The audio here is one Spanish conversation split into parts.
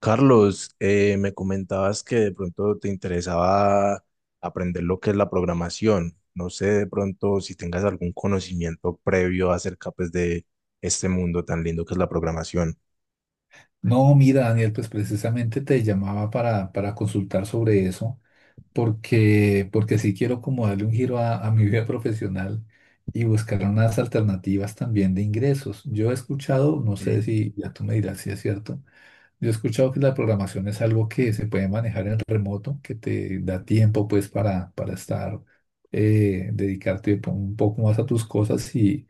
Carlos, me comentabas que de pronto te interesaba aprender lo que es la programación. No sé de pronto si tengas algún conocimiento previo acerca pues, de este mundo tan lindo que es la programación. No, mira, Daniel, pues precisamente te llamaba para consultar sobre eso, porque sí quiero como darle un giro a mi vida profesional y buscar unas alternativas también de ingresos. Yo he escuchado, no sé Sí, si ya tú me dirás si es cierto, yo he escuchado que la programación es algo que se puede manejar en remoto, que te da tiempo pues para estar, dedicarte un poco más a tus cosas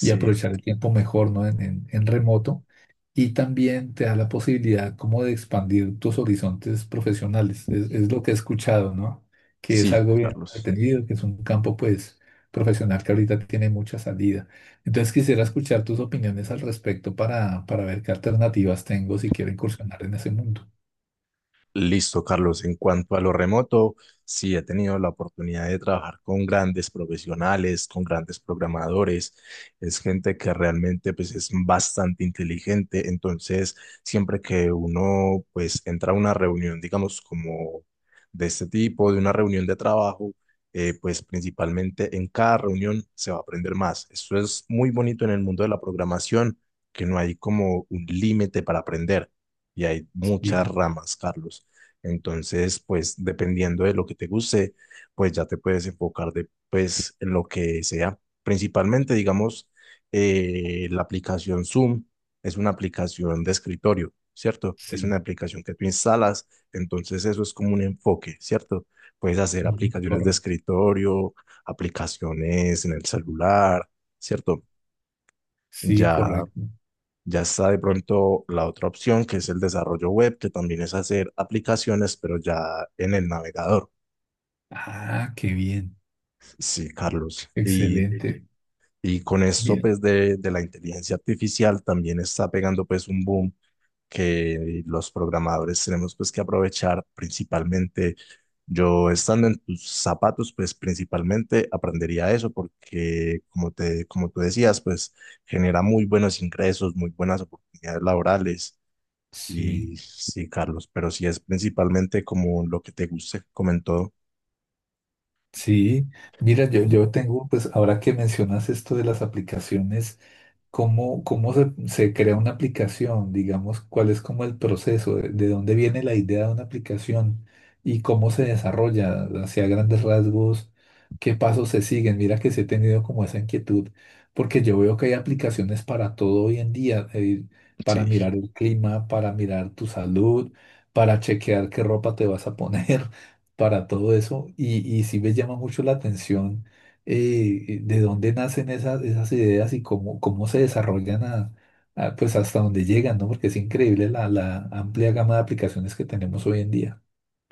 y aprovechar el tiempo mejor, ¿no? En en remoto, y también te da la posibilidad como de expandir tus horizontes profesionales. Es lo que he escuchado, ¿no? Que es Sí, algo bien Carlos. atendido, que es un campo pues profesional que ahorita tiene mucha salida. Entonces quisiera escuchar tus opiniones al respecto para ver qué alternativas tengo si quiero incursionar en ese mundo. Listo, Carlos. En cuanto a lo remoto, sí he tenido la oportunidad de trabajar con grandes profesionales, con grandes programadores. Es gente que realmente pues es bastante inteligente. Entonces, siempre que uno pues entra a una reunión, digamos, como de este tipo, de una reunión de trabajo, pues principalmente en cada reunión se va a aprender más. Eso es muy bonito en el mundo de la programación, que no hay como un límite para aprender y hay muchas Sí, ramas, Carlos. Entonces, pues dependiendo de lo que te guste, pues ya te puedes enfocar de, pues, en lo que sea. Principalmente, digamos, la aplicación Zoom es una aplicación de escritorio, ¿cierto? Es una sí, aplicación que tú instalas, entonces eso es como un enfoque, ¿cierto? Puedes hacer ujú, aplicaciones de correcto. escritorio, aplicaciones en el celular, ¿cierto? Sí, Ya correcto. ya está de pronto la otra opción, que es el desarrollo web, que también es hacer aplicaciones, pero ya en el navegador. Ah, qué bien. Sí, Carlos. Excelente. Y con esto, Bien. pues, de la inteligencia artificial también está pegando, pues, un boom que los programadores tenemos, pues, que aprovechar principalmente. Yo estando en tus zapatos, pues, principalmente aprendería eso porque, como te, como tú decías, pues, genera muy buenos ingresos, muy buenas oportunidades laborales. Sí. Y sí, Carlos, pero sí es principalmente como lo que te guste, comentó. Sí, mira, yo tengo, pues ahora que mencionas esto de las aplicaciones, ¿cómo, cómo se crea una aplicación? Digamos, ¿cuál es como el proceso? De dónde viene la idea de una aplicación? ¿Y cómo se desarrolla? Hacia grandes rasgos, ¿qué pasos se siguen? Mira que sí he tenido como esa inquietud, porque yo veo que hay aplicaciones para todo hoy en día, para Sí, mirar el clima, para mirar tu salud, para chequear qué ropa te vas a poner, para todo eso. Y sí me llama mucho la atención de dónde nacen esas, esas ideas y cómo, cómo se desarrollan a, pues hasta dónde llegan, ¿no? Porque es increíble la amplia gama de aplicaciones que tenemos hoy en día.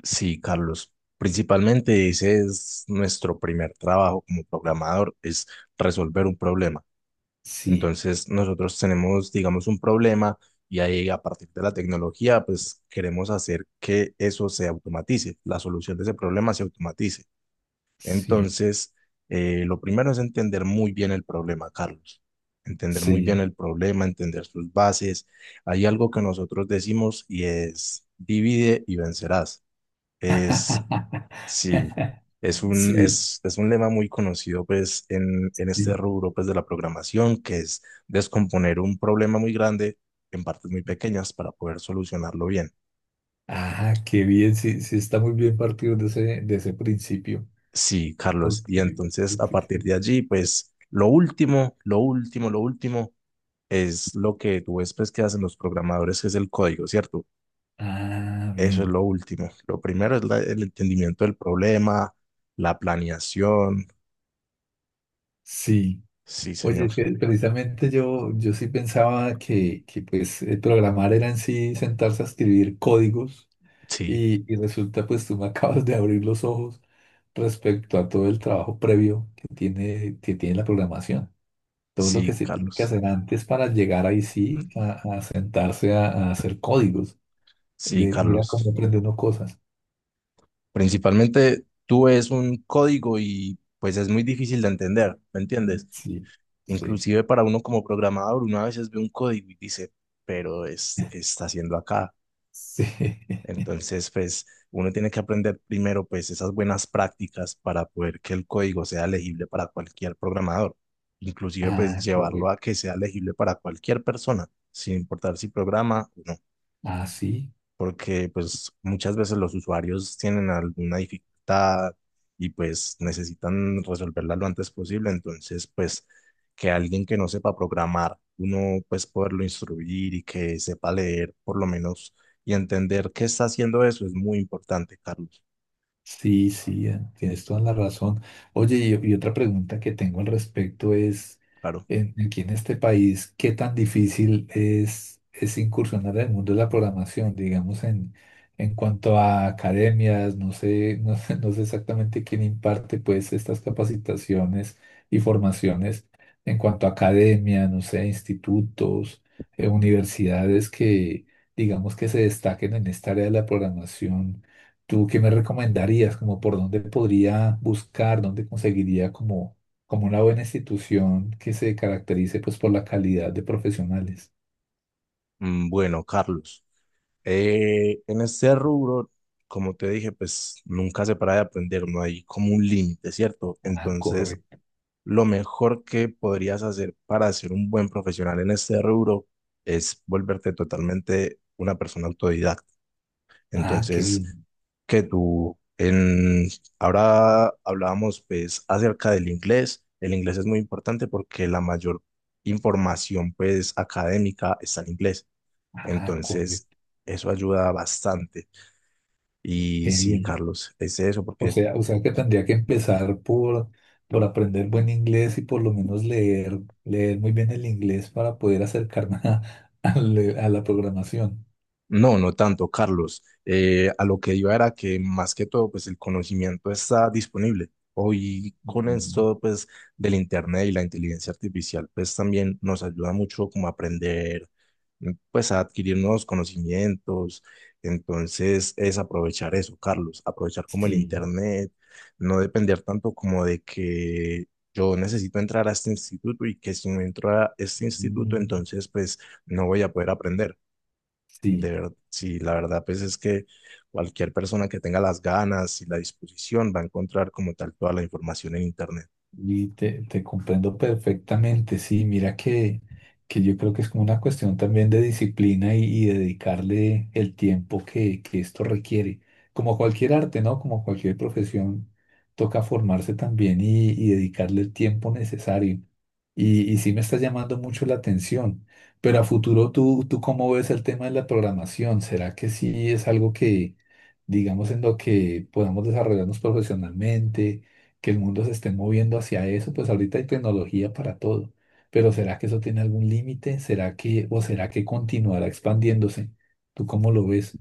sí, Carlos. Principalmente ese es nuestro primer trabajo como programador, es resolver un problema. Sí, Entonces nosotros tenemos, digamos, un problema y ahí a partir de la tecnología, pues queremos hacer que eso se automatice, la solución de ese problema se automatice. sí, Entonces, lo primero es entender muy bien el problema, Carlos. Entender muy sí. bien el problema, entender sus bases. Hay algo que nosotros decimos y es divide y vencerás. Es, sí, Sí, es un lema muy conocido pues en este sí. rubro pues de la programación, que es descomponer un problema muy grande en partes muy pequeñas para poder solucionarlo bien. Ah, qué bien, sí, sí está muy bien partido de ese principio. Sí, Carlos. Y Porque, entonces, a porque partir sí. de allí, pues lo último, lo último, lo último es lo que tú ves pues, que hacen los programadores, que es el código, ¿cierto? Ah, Eso es bien. lo último. Lo primero es la- el entendimiento del problema, la planeación. Sí. Sí, Oye, señor. es que precisamente yo sí pensaba que pues el programar era en sí sentarse a escribir códigos, Sí, y resulta pues tú me acabas de abrir los ojos respecto a todo el trabajo previo que tiene la programación. Todo lo que sí, se tiene que Carlos. hacer antes para llegar ahí sí a sentarse a hacer códigos. Sí, Mira Carlos. cómo aprende uno cosas. Principalmente tú ves un código y pues es muy difícil de entender, ¿me entiendes? Sí, sí, Inclusive para uno como programador, uno a veces ve un código y dice, pero este, ¿qué está haciendo acá? sí. Entonces, pues uno tiene que aprender primero pues esas buenas prácticas para poder que el código sea legible para cualquier programador, inclusive pues Ah, llevarlo correcto. a que sea legible para cualquier persona, sin importar si programa o no, Ah, sí. porque pues muchas veces los usuarios tienen alguna dificultad y pues necesitan resolverla lo antes posible, entonces pues que alguien que no sepa programar, uno pues poderlo instruir y que sepa leer por lo menos y entender qué está haciendo eso es muy importante, Carlos. Sí, sí, tienes toda la razón. Oye, y otra pregunta que tengo al respecto es, Claro. Aquí en este país, ¿qué tan difícil es incursionar en el mundo de la programación, digamos, en cuanto a academias? No sé, no sé, no sé exactamente quién imparte pues estas capacitaciones y formaciones en cuanto a academia, no sé, institutos, universidades que, digamos, que se destaquen en esta área de la programación. ¿Tú qué me recomendarías? Como por dónde podría buscar, dónde conseguiría como, como una buena institución que se caracterice pues por la calidad de profesionales. Mm, bueno, Carlos, en este rubro, como te dije, pues nunca se para de aprender, no hay como un límite, ¿cierto? Ah, Entonces, correcto. lo mejor que podrías hacer para ser un buen profesional en este rubro es volverte totalmente una persona autodidacta. Ah, qué Entonces, bien. que tú en ahora hablábamos pues acerca del inglés. El inglés es muy importante porque la mayor información pues académica está en inglés. Ah, Entonces, correcto. eso ayuda bastante. Y Qué sí, bien. Carlos, es eso porque O sea que tendría que empezar por aprender buen inglés y por lo menos leer, leer muy bien el inglés para poder acercarme a, a la programación. no, no tanto, Carlos. A lo que iba era que más que todo, pues el conocimiento está disponible. Hoy con Mm, esto, pues del Internet y la inteligencia artificial, pues también nos ayuda mucho como a aprender, pues a adquirir nuevos conocimientos. Entonces es aprovechar eso, Carlos, aprovechar como el Sí. Internet, no depender tanto como de que yo necesito entrar a este instituto y que si no entro a este instituto, Mm, entonces pues no voy a poder aprender. De Sí. verdad, sí, la verdad, pues es que cualquier persona que tenga las ganas y la disposición va a encontrar como tal toda la información en Internet. Y te comprendo perfectamente, sí, mira que yo creo que es como una cuestión también de disciplina y dedicarle el tiempo que esto requiere. Como cualquier arte, ¿no? Como cualquier profesión, toca formarse también y dedicarle el tiempo necesario. Y sí me está llamando mucho la atención, pero a futuro tú, ¿tú cómo ves el tema de la programación? ¿Será que sí es algo que, digamos, en lo que podamos desarrollarnos profesionalmente? Que el mundo se esté moviendo hacia eso, pues ahorita hay tecnología para todo. Pero ¿será que eso tiene algún límite? ¿Será que, o será que continuará expandiéndose? ¿Tú cómo lo ves?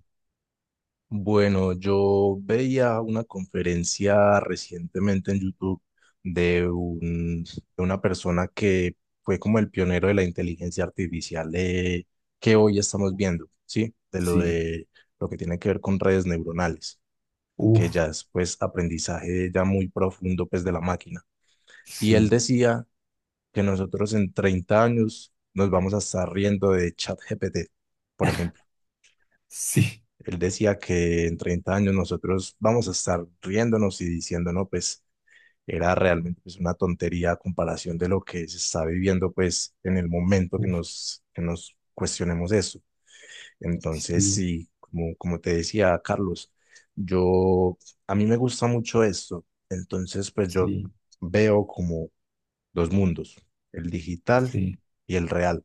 Bueno, yo veía una conferencia recientemente en YouTube de, un, de una persona que fue como el pionero de la inteligencia artificial que hoy estamos viendo, ¿sí? Sí, De lo que tiene que ver con redes neuronales, uf, que ya es pues aprendizaje ya muy profundo pues de la máquina. Y él sí, decía que nosotros en 30 años nos vamos a estar riendo de ChatGPT, por ejemplo. sí, Él decía que en 30 años nosotros vamos a estar riéndonos y diciendo, no, pues era realmente pues, una tontería a comparación de lo que se está viviendo pues en el momento uf, que nos cuestionemos eso. Entonces, sí, sí, como, como te decía, Carlos, yo, a mí me gusta mucho esto. Entonces, pues yo sí, veo como dos mundos, el digital y el real.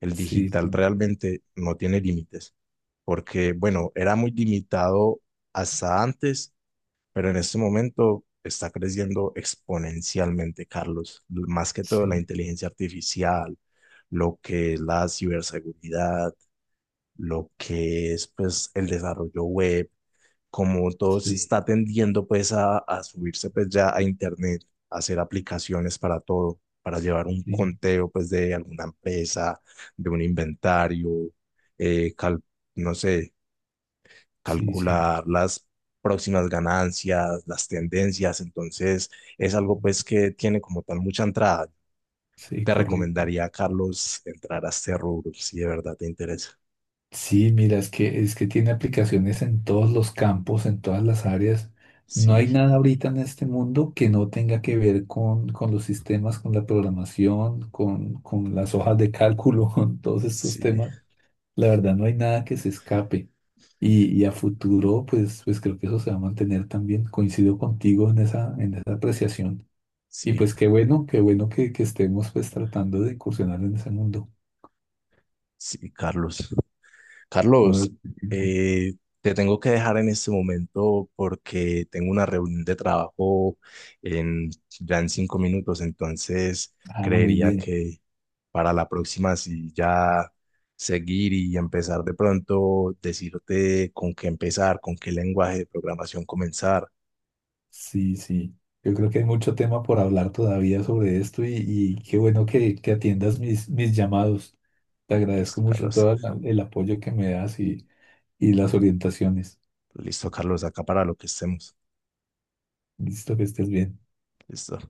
El sí, digital sí, realmente no tiene límites, porque bueno, era muy limitado hasta antes, pero en este momento está creciendo exponencialmente, Carlos, más que todo la sí, inteligencia artificial, lo que es la ciberseguridad, lo que es pues el desarrollo web, como todo se sí, está tendiendo pues a subirse pues ya a internet, a hacer aplicaciones para todo, para llevar un sí, conteo pues de alguna empresa, de un inventario, cal- no sé, sí, sí, sí, calcular las próximas ganancias, las tendencias, entonces es algo pues que tiene como tal mucha entrada. sí, Te correcto. recomendaría, Carlos, entrar a este rubro, si de verdad te interesa. Sí, mira, es que tiene aplicaciones en todos los campos, en todas las áreas. No Sí, hay nada ahorita en este mundo que no tenga que ver con los sistemas, con la programación, con las hojas de cálculo, con todos estos sí, temas. La verdad, no hay nada que se escape. Y a futuro, pues, pues creo que eso se va a mantener también. Coincido contigo en esa apreciación. Y sí, pues qué bueno que estemos pues tratando de incursionar en ese mundo. sí, Carlos. No, Carlos, eh, te tengo que dejar en este momento porque tengo una reunión de trabajo en, ya en 5 minutos, entonces ah, muy creería bien. que para la próxima, si ya seguir y empezar de pronto, decirte con qué empezar, con qué lenguaje de programación comenzar. Sí, sí. Yo creo que hay mucho tema por hablar todavía sobre esto y qué bueno que atiendas mis, mis llamados. Te agradezco Listo, mucho Carlos. todo el apoyo que me das y las orientaciones. Listo, Carlos, acá para lo que estemos. Listo, que estés bien. Listo.